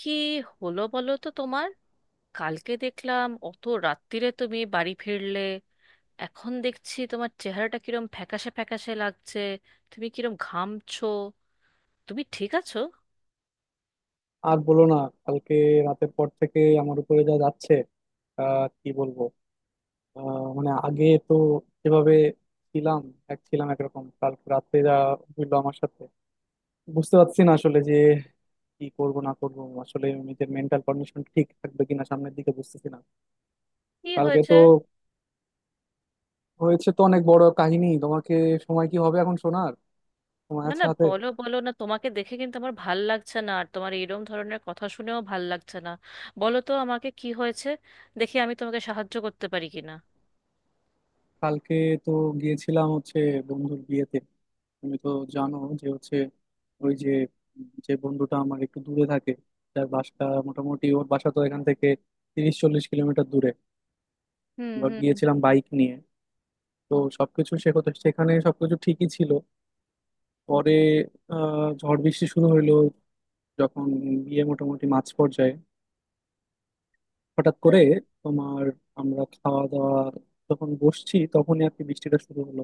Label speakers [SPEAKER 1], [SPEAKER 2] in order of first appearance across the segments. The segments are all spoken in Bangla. [SPEAKER 1] কি হলো বলো তো তোমার? কালকে দেখলাম অত রাত্তিরে তুমি বাড়ি ফিরলে। এখন দেখছি তোমার চেহারাটা কিরম ফ্যাকাশে ফ্যাকাশে লাগছে। তুমি কিরম ঘামছো। তুমি ঠিক আছো?
[SPEAKER 2] আর বলো না। কালকে রাতের পর থেকে আমার উপরে যা যাচ্ছে, কি বলবো? মানে আগে তো যেভাবে ছিলাম, এক ছিলাম একরকম, কালকে রাতে যা হইলো আমার সাথে, বুঝতে পারছি না আসলে যে কি করব না করব। আসলে নিজের মেন্টাল কন্ডিশন ঠিক থাকবে কিনা সামনের দিকে বুঝতেছি না।
[SPEAKER 1] কি
[SPEAKER 2] কালকে
[SPEAKER 1] হয়েছে?
[SPEAKER 2] তো হয়েছে তো অনেক বড় কাহিনী, তোমাকে সময় কি হবে এখন শোনার? সময়
[SPEAKER 1] না
[SPEAKER 2] আছে
[SPEAKER 1] না,
[SPEAKER 2] হাতে?
[SPEAKER 1] বলো বলো না, তোমাকে দেখে কিন্তু আমার ভাল লাগছে না, আর তোমার এরম ধরনের কথা শুনেও ভাল লাগছে না। বলো তো আমাকে কি হয়েছে। দেখি আমি তোমাকে সাহায্য করতে পারি কিনা।
[SPEAKER 2] কালকে তো গিয়েছিলাম হচ্ছে বন্ধুর বিয়েতে। তুমি তো জানো যে হচ্ছে ওই যে, যে বন্ধুটা আমার একটু দূরে থাকে, তার বাসা মোটামুটি, ওর বাসা তো এখান থেকে 30-40 কিলোমিটার দূরে।
[SPEAKER 1] হুম
[SPEAKER 2] এবার
[SPEAKER 1] হুম।
[SPEAKER 2] গিয়েছিলাম বাইক নিয়ে। তো সবকিছু সেখানে, সেখানে সবকিছু ঠিকই ছিল। পরে ঝড় বৃষ্টি শুরু হইলো যখন বিয়ে মোটামুটি মাঝ পর্যায়ে। হঠাৎ করে তোমার আমরা খাওয়া দাওয়া যখন বসছি তখনই আর কি বৃষ্টিটা শুরু হলো।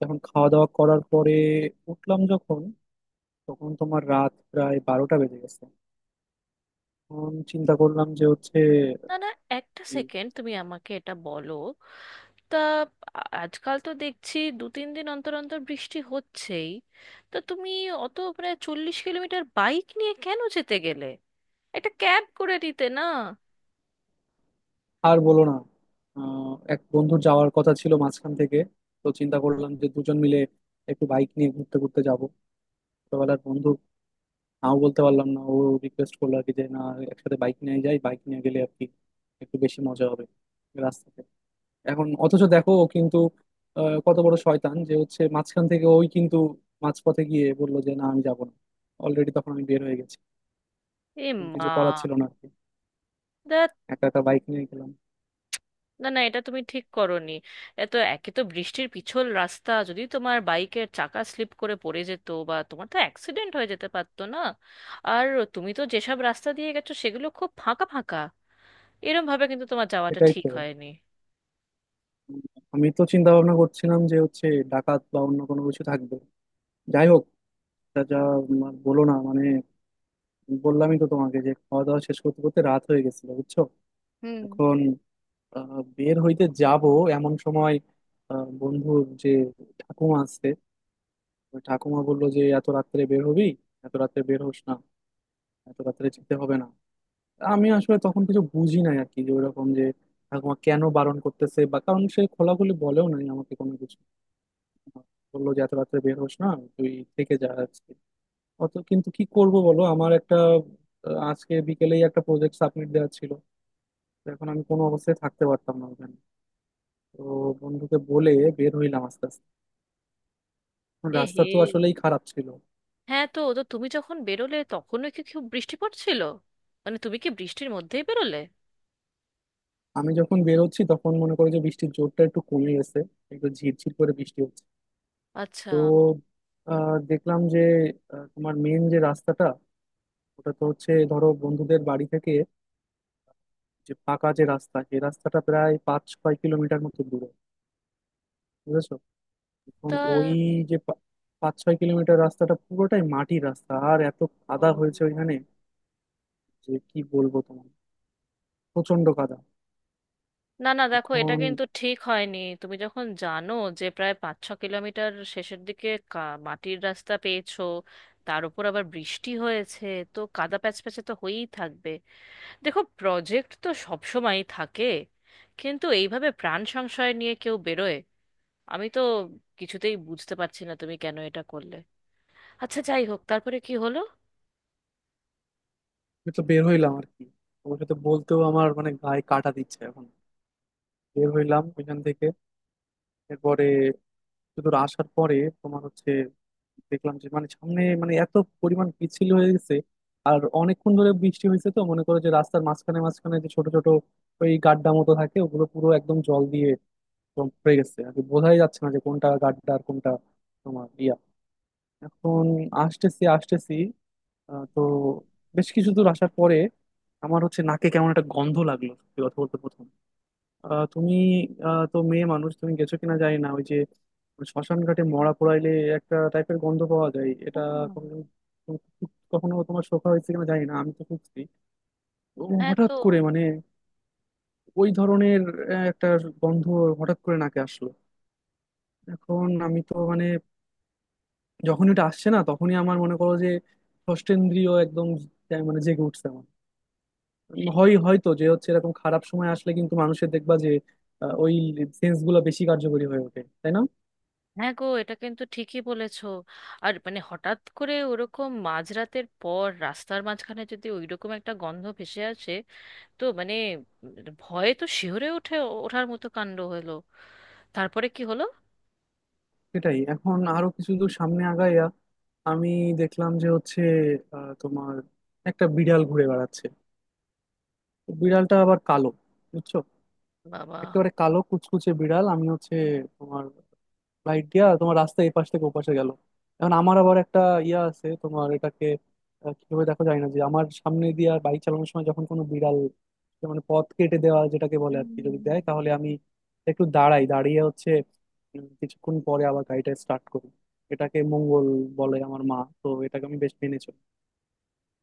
[SPEAKER 2] যখন খাওয়া দাওয়া করার পরে উঠলাম, যখন তখন তোমার রাত প্রায় 12টা বেজে গেছে। তখন চিন্তা করলাম যে হচ্ছে
[SPEAKER 1] না না, একটা
[SPEAKER 2] এই
[SPEAKER 1] সেকেন্ড তুমি আমাকে এটা বলো। তা আজকাল তো দেখছি দু তিন দিন অন্তর অন্তর বৃষ্টি হচ্ছেই। তা তুমি অত প্রায় 40 কিলোমিটার বাইক নিয়ে কেন যেতে গেলে? একটা ক্যাব করে দিতে না?
[SPEAKER 2] আর বলো না। এক বন্ধুর যাওয়ার কথা ছিল মাঝখান থেকে। তো চিন্তা করলাম যে দুজন মিলে একটু বাইক নিয়ে ঘুরতে ঘুরতে যাব। ছোটবেলার বন্ধু, নাও বলতে পারলাম না। ও রিকোয়েস্ট করলো আর কি যে না একসাথে বাইক নিয়ে যাই, বাইক নিয়ে গেলে আর কি একটু বেশি মজা হবে রাস্তাতে। এখন অথচ দেখো ও কিন্তু, কত বড় শয়তান যে হচ্ছে, মাঝখান থেকে ওই কিন্তু মাঝপথে গিয়ে বললো যে না আমি যাবো না। অলরেডি তখন আমি বের হয়ে গেছি।
[SPEAKER 1] এ
[SPEAKER 2] তখন
[SPEAKER 1] মা,
[SPEAKER 2] কিছু করার ছিল না আর কি,
[SPEAKER 1] দ্যাট।
[SPEAKER 2] একা একা বাইক নিয়ে গেলাম।
[SPEAKER 1] না না, এটা তুমি ঠিক করোনি। এত, একে তো বৃষ্টির পিছল রাস্তা, যদি তোমার বাইকের চাকা স্লিপ করে পড়ে যেত, বা তোমার তো অ্যাক্সিডেন্ট হয়ে যেতে পারতো না। আর তুমি তো যেসব রাস্তা দিয়ে গেছো সেগুলো খুব ফাঁকা ফাঁকা। এরম ভাবে কিন্তু তোমার যাওয়াটা
[SPEAKER 2] সেটাই
[SPEAKER 1] ঠিক
[SPEAKER 2] তো।
[SPEAKER 1] হয়নি।
[SPEAKER 2] উম, আমি তো চিন্তা ভাবনা করছিলাম যে হচ্ছে ডাকাত বা অন্য কোনো কিছু থাকবে। যাই হোক, তা যা আর বলো না মানে বললামই তো তোমাকে যে খাওয়া দাওয়া শেষ করতে করতে রাত হয়ে গেছিল, বুঝছো?
[SPEAKER 1] হুম।
[SPEAKER 2] এখন বের হইতে যাব এমন সময়, বন্ধুর যে ঠাকুমা আছে, ওই ঠাকুমা বললো যে এত রাত্রে বের হবি, এত রাত্রে বের হোস না, এত রাত্রে যেতে হবে না। আমি আসলে তখন কিছু বুঝি নাই আর কি যে ওইরকম যে ঠাকুমা কেন বারণ করতেছে, বা কারণ সে খোলাখুলি বলেও নাই আমাকে কোনো কিছু, বললো যে এত রাত্রে বের হোস না তুই, থেকে যা আজকে অত। কিন্তু কি করব বলো, আমার একটা আজকে বিকেলেই একটা প্রজেক্ট সাবমিট দেওয়া ছিল। তো এখন আমি কোনো অবস্থায় থাকতে পারতাম না ওখানে। তো বন্ধুকে বলে বের হইলাম আস্তে আস্তে।
[SPEAKER 1] এ হে,
[SPEAKER 2] রাস্তা তো আসলেই খারাপ ছিল।
[SPEAKER 1] হ্যাঁ, তো তো তুমি যখন বেরোলে তখনও কি খুব বৃষ্টি পড়ছিল? মানে তুমি কি বৃষ্টির মধ্যেই বেরোলে?
[SPEAKER 2] আমি যখন বেরোচ্ছি তখন মনে করো যে বৃষ্টির জোরটা একটু কমে গেছে, একটু ঝিরঝির করে বৃষ্টি হচ্ছে।
[SPEAKER 1] আচ্ছা।
[SPEAKER 2] তো দেখলাম যে তোমার মেন যে রাস্তাটা, ওটা তো হচ্ছে ধরো বন্ধুদের বাড়ি থেকে যে পাকা যে রাস্তা, সেই রাস্তাটা প্রায় 5-6 কিলোমিটার মতো দূরে, বুঝেছো? এখন
[SPEAKER 1] তা,
[SPEAKER 2] ওই যে 5-6 কিলোমিটার রাস্তাটা পুরোটাই মাটির রাস্তা। আর এত কাদা হয়েছে
[SPEAKER 1] ও,
[SPEAKER 2] ওইখানে যে কি বলবো তোমার, প্রচন্ড কাদা।
[SPEAKER 1] না না, দেখো এটা
[SPEAKER 2] এখন
[SPEAKER 1] কিন্তু ঠিক হয়নি। তুমি যখন জানো যে প্রায় 5-6 কিলোমিটার শেষের দিকে মাটির রাস্তা পেয়েছো, তার উপর আবার বৃষ্টি হয়েছে, তো কাদা প্যাচ প্যাচে তো হয়েই থাকবে। দেখো, প্রজেক্ট তো সব সময়ই থাকে, কিন্তু এইভাবে প্রাণ সংশয় নিয়ে কেউ বেরোয়? আমি তো কিছুতেই বুঝতে পারছি না তুমি কেন এটা করলে। আচ্ছা যাই হোক, তারপরে কি হলো?
[SPEAKER 2] আমি তো বের হইলাম আর কি, তোমার সাথে বলতেও আমার মানে গায়ে কাটা দিচ্ছে এখন। বের হইলাম ওইখান থেকে, এরপরে সুদূর আসার পরে, তোমার হচ্ছে দেখলাম যে মানে সামনে মানে এত পরিমাণ পিচ্ছিল হয়ে গেছে। আর অনেকক্ষণ ধরে বৃষ্টি হয়েছে তো মনে করো যে রাস্তার মাঝখানে মাঝখানে যে ছোট ছোট ওই গাড্ডা মতো থাকে, ওগুলো পুরো একদম জল দিয়ে একদম ভরে গেছে আর কি, বোঝাই যাচ্ছে না যে কোনটা গাড্ডা আর কোনটা তোমার ইয়া। এখন আসতেছি আসতেছি, তো বেশ কিছু দূর আসার পরে আমার হচ্ছে নাকে কেমন একটা গন্ধ লাগলো, সত্যি কথা বলতে প্রথম। আহ, তুমি তো মেয়ে মানুষ, তুমি গেছো কিনা জানি না ওই যে শ্মশান ঘাটে মরা পোড়াইলে একটা টাইপের গন্ধ পাওয়া যায়, এটা
[SPEAKER 1] ও।
[SPEAKER 2] কখনো কখনো তোমার শোকা হয়েছে কিনা জানি না। আমি তো খুঁজছি ও
[SPEAKER 1] হ্যাঁ।
[SPEAKER 2] হঠাৎ
[SPEAKER 1] তো
[SPEAKER 2] করে মানে ওই ধরনের একটা গন্ধ হঠাৎ করে নাকে আসলো। এখন আমি তো মানে যখন এটা আসছে না তখনই আমার মনে করো যে ষষ্ঠেন্দ্রিয় একদম তাই মানে জেগে উঠছে আমার। হয়তো যে হচ্ছে এরকম খারাপ সময় আসলে কিন্তু মানুষের দেখবা যে ওই সেন্স গুলো বেশি কার্যকরী হয়ে ওঠে, তাই না?
[SPEAKER 1] হ্যাঁ গো, এটা কিন্তু ঠিকই বলেছো। আর মানে হঠাৎ করে ওরকম মাঝরাতের পর রাস্তার মাঝখানে যদি ওইরকম একটা গন্ধ ভেসে আসে, তো মানে উম, ভয়ে তো শিহরে ওঠে, ওঠার মতো কাণ্ড হলো। তারপরে কি হলো?
[SPEAKER 2] সেটাই। এখন আরো কিছু দূর সামনে আগাইয়া আমি দেখলাম যে হচ্ছে তোমার একটা বিড়াল ঘুরে বেড়াচ্ছে। তো বিড়ালটা আবার কালো, বুঝছো?
[SPEAKER 1] বাবা।
[SPEAKER 2] একেবারে কালো কুচকুচে বিড়াল। আমি হচ্ছে তোমার লাইট দিয়া তোমার রাস্তা এই পাশ থেকে ওপাশে গেল। এখন আমার আবার একটা ইয়া আছে তোমার, এটাকে কিভাবে দেখো, যায় না যে আমার সামনে দিয়ে আর বাইক চালানোর সময় যখন কোনো বিড়াল যে মানে পথ কেটে দেওয়া যেটাকে বলে আর কি, যদি
[SPEAKER 1] হুম।
[SPEAKER 2] দেয় তাহলে আমি একটু দাঁড়াই, দাঁড়িয়ে হচ্ছে কিছুক্ষণ পরে আবার গাড়িটা স্টার্ট করি। এটাকে মঙ্গল বলে আমার মা, তো এটাকে আমি বেশ মেনে চলি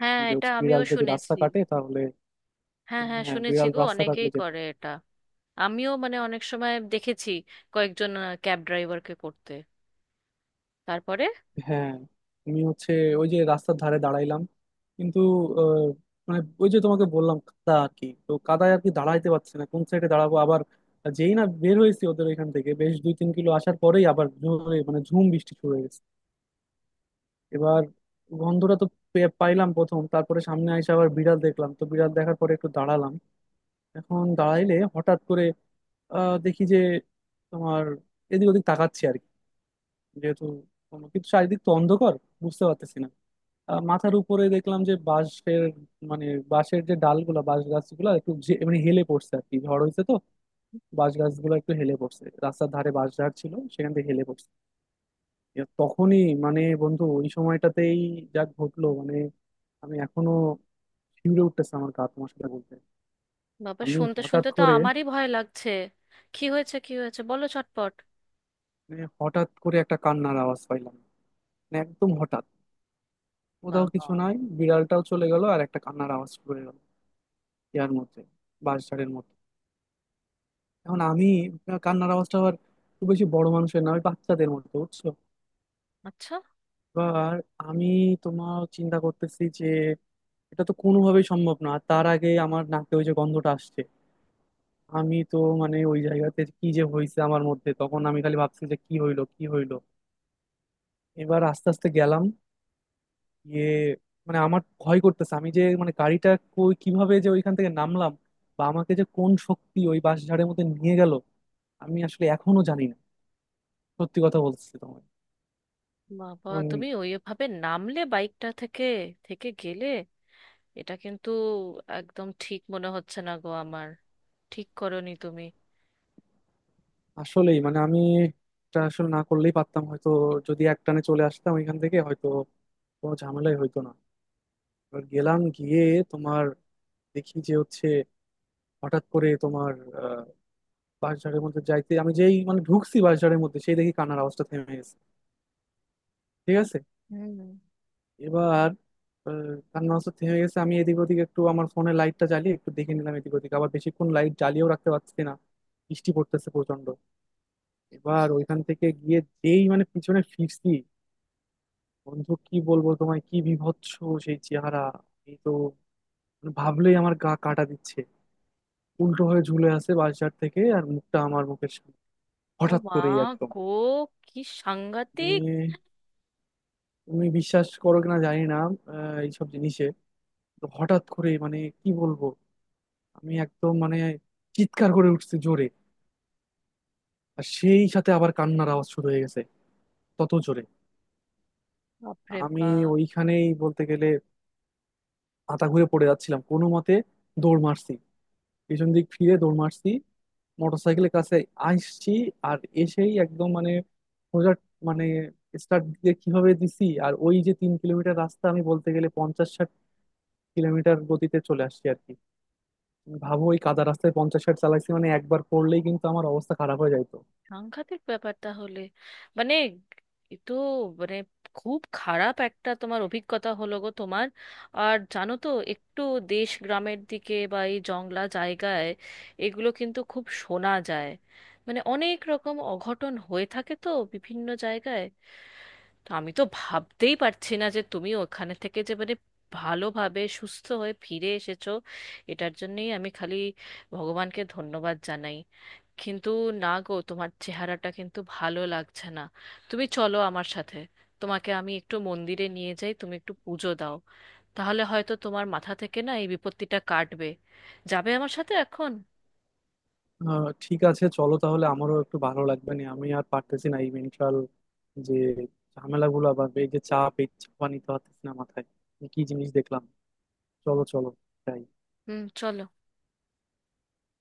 [SPEAKER 1] হ্যাঁ,
[SPEAKER 2] যে
[SPEAKER 1] এটা
[SPEAKER 2] হচ্ছে
[SPEAKER 1] আমিও
[SPEAKER 2] বিড়াল যদি রাস্তা
[SPEAKER 1] শুনেছি।
[SPEAKER 2] কাটে তাহলে।
[SPEAKER 1] হ্যাঁ হ্যাঁ,
[SPEAKER 2] হ্যাঁ,
[SPEAKER 1] শুনেছি
[SPEAKER 2] বিড়াল
[SPEAKER 1] গো,
[SPEAKER 2] রাস্তা
[SPEAKER 1] অনেকেই
[SPEAKER 2] কাটলে যেতে।
[SPEAKER 1] করে এটা। আমিও মানে অনেক সময় দেখেছি কয়েকজন ক্যাব ড্রাইভারকে করতে। তারপরে?
[SPEAKER 2] হ্যাঁ, আমি হচ্ছে ওই যে রাস্তার ধারে দাঁড়াইলাম কিন্তু আহ, মানে ওই যে তোমাকে বললাম কাদা আর কি, তো কাদায় আর কি দাঁড়াইতে পারছি না, কোন সাইডে দাঁড়াবো? আবার যেই না বের হয়েছি ওদের ওইখান থেকে বেশ 2-3 কিলো আসার পরেই আবার জোরে মানে ঝুম বৃষ্টি শুরু হয়ে গেছে। এবার গন্ধটা তো পাইলাম প্রথম, তারপরে সামনে এসে আবার বিড়াল দেখলাম, তো বিড়াল দেখার পরে একটু দাঁড়ালাম। এখন দাঁড়াইলে হঠাৎ করে দেখি যে তোমার এদিক ওদিক তাকাচ্ছি আর কি। যেহেতু কিন্তু চারিদিক তো অন্ধকার, বুঝতে পারতেছি না। মাথার উপরে দেখলাম যে বাঁশের মানে বাঁশের যে ডালগুলা, বাঁশ গাছগুলা একটু মানে হেলে পড়ছে আর কি, ঝড় হয়েছে তো বাঁশ গাছগুলো একটু হেলে পড়ছে। রাস্তার ধারে বাঁশ ঝাড় ছিল, সেখান থেকে হেলে পড়ছে। এ তখনই মানে বন্ধু ওই সময়টাতেই যা ঘটলো মানে, আমি এখনো শিউরে উঠতেছে আমার গা তোমার সাথে বলতে।
[SPEAKER 1] বাবা,
[SPEAKER 2] আমি
[SPEAKER 1] শুনতে
[SPEAKER 2] হঠাৎ
[SPEAKER 1] শুনতে তো
[SPEAKER 2] করে
[SPEAKER 1] আমারই ভয় লাগছে। কি হয়েছে কি হয়েছে বলো চটপট।
[SPEAKER 2] মানে হঠাৎ করে একটা কান্নার আওয়াজ পাইলাম, মানে একদম হঠাৎ। কোথাও
[SPEAKER 1] বাবা।
[SPEAKER 2] কিছু নাই, বিড়ালটাও চলে গেল আর একটা কান্নার আওয়াজ শুরু হয়ে গেল ইয়ার মধ্যে, বাঁশঝাড়ের মধ্যে। এখন আমি কান্নার আওয়াজটা আবার খুব বেশি বড় মানুষের না, ওই বাচ্চাদের মতো, বুঝছো?
[SPEAKER 1] আচ্ছা।
[SPEAKER 2] এবার আমি তোমার চিন্তা করতেছি যে এটা তো কোনোভাবেই সম্ভব না, আর তার আগে আমার নাকে ওই যে গন্ধটা আসছে। আমি তো মানে ওই জায়গাতে কি যে হয়েছে আমার মধ্যে তখন, আমি খালি ভাবছি যে কি হইলো কি হইলো। এবার আস্তে আস্তে গেলাম গিয়ে, মানে আমার ভয় করতেছে, আমি যে মানে গাড়িটা কিভাবে যে ওইখান থেকে নামলাম বা আমাকে যে কোন শক্তি ওই বাঁশঝাড়ের মধ্যে নিয়ে গেল আমি আসলে এখনো জানি না, সত্যি কথা বলতেছি তোমায়।
[SPEAKER 1] বাবা,
[SPEAKER 2] উম,
[SPEAKER 1] তুমি ওইভাবে নামলে বাইকটা থেকে, থেকে গেলে? এটা কিন্তু একদম ঠিক মনে হচ্ছে না গো আমার। ঠিক করনি তুমি।
[SPEAKER 2] আসলেই মানে আমি এটা আসলে না করলেই পারতাম হয়তো, যদি একটানে চলে আসতাম এখান থেকে হয়তো কোনো ঝামেলাই হইতো না। এবার গেলাম গিয়ে তোমার দেখি যে হচ্ছে হঠাৎ করে তোমার আহ, বাঁশঝাড়ের মধ্যে যাইতে, আমি যেই মানে ঢুকছি বাঁশঝাড়ের মধ্যে সেই দেখি কান্নার আওয়াজটা থেমে গেছে। ঠিক আছে।
[SPEAKER 1] হুম।
[SPEAKER 2] এবার আহ, কান্নার আওয়াজটা থেমে গেছে। আমি এদিক ওদিক একটু আমার ফোনের লাইটটা জ্বালিয়ে একটু দেখে নিলাম এদিক ওদিক, আবার বেশিক্ষণ লাইট জ্বালিয়েও রাখতে পারছি না, বৃষ্টি পড়তেছে প্রচন্ড। এবার ওইখান থেকে গিয়ে যেই মানে পিছনে ফিরছি, বন্ধু কি বলবো তোমায় কি বীভৎস সেই চেহারা। এই তো মানে ভাবলেই আমার গা কাটা দিচ্ছে। উল্টো হয়ে ঝুলে আছে বাসঝাড় থেকে, আর মুখটা আমার মুখের সামনে,
[SPEAKER 1] ও
[SPEAKER 2] হঠাৎ
[SPEAKER 1] মা
[SPEAKER 2] করেই একদম।
[SPEAKER 1] গো, কি সাংঘাতিক!
[SPEAKER 2] মানে তুমি বিশ্বাস করো কিনা জানি না এইসব জিনিসে, তো হঠাৎ করে মানে কি বলবো, আমি একদম মানে চিৎকার করে উঠছি জোরে। আর সেই সাথে আবার কান্নার আওয়াজ শুরু হয়ে গেছে তত জোরে।
[SPEAKER 1] বাপরে
[SPEAKER 2] আমি
[SPEAKER 1] বাপ।
[SPEAKER 2] ওইখানেই বলতে গেলে মাথা ঘুরে পড়ে যাচ্ছিলাম কোনো মতে, দৌড় মারছি, পিছন দিক ফিরে দৌড় মারছি, মোটরসাইকেলের কাছে আসছি। আর এসেই একদম মানে সোজা মানে স্টার্ট দিয়ে কিভাবে দিছি আর ওই যে 3 কিলোমিটার রাস্তা আমি বলতে গেলে 50-60 কিলোমিটার গতিতে চলে আসছি আর কি। তুমি ভাবো ওই কাদা রাস্তায় 50-60 চালাইছি, মানে একবার পড়লেই কিন্তু আমার অবস্থা খারাপ হয়ে যাইতো।
[SPEAKER 1] সাংঘাতিক ব্যাপার তাহলে। মানে এ তো, মানে খুব খারাপ একটা তোমার অভিজ্ঞতা হলো গো তোমার। আর জানো তো, একটু দেশ গ্রামের দিকে বা এই জংলা জায়গায় এগুলো কিন্তু খুব শোনা যায়। মানে অনেক রকম অঘটন হয়ে থাকে তো বিভিন্ন জায়গায়। তো আমি তো ভাবতেই পারছি না যে তুমি ওখানে থেকে যে মানে ভালোভাবে সুস্থ হয়ে ফিরে এসেছো। এটার জন্যই আমি খালি ভগবানকে ধন্যবাদ জানাই। কিন্তু না গো, তোমার চেহারাটা কিন্তু ভালো লাগছে না। তুমি চলো আমার সাথে, তোমাকে আমি একটু মন্দিরে নিয়ে যাই, তুমি একটু পুজো দাও। তাহলে হয়তো তোমার মাথা থেকে না এই বিপত্তিটা কাটবে। যাবে আমার সাথে এখন?
[SPEAKER 2] আহ, ঠিক আছে, চলো তাহলে, আমারও একটু ভালো লাগবে। না, আমি আর পারতেছি না এই মেন্টাল যে ঝামেলাগুলো বা এই যে চাপ, এই চাপা নিতে পারতেছি না মাথায়, এ কি জিনিস দেখলাম। চলো চলো, যাই।
[SPEAKER 1] হুম, চলো।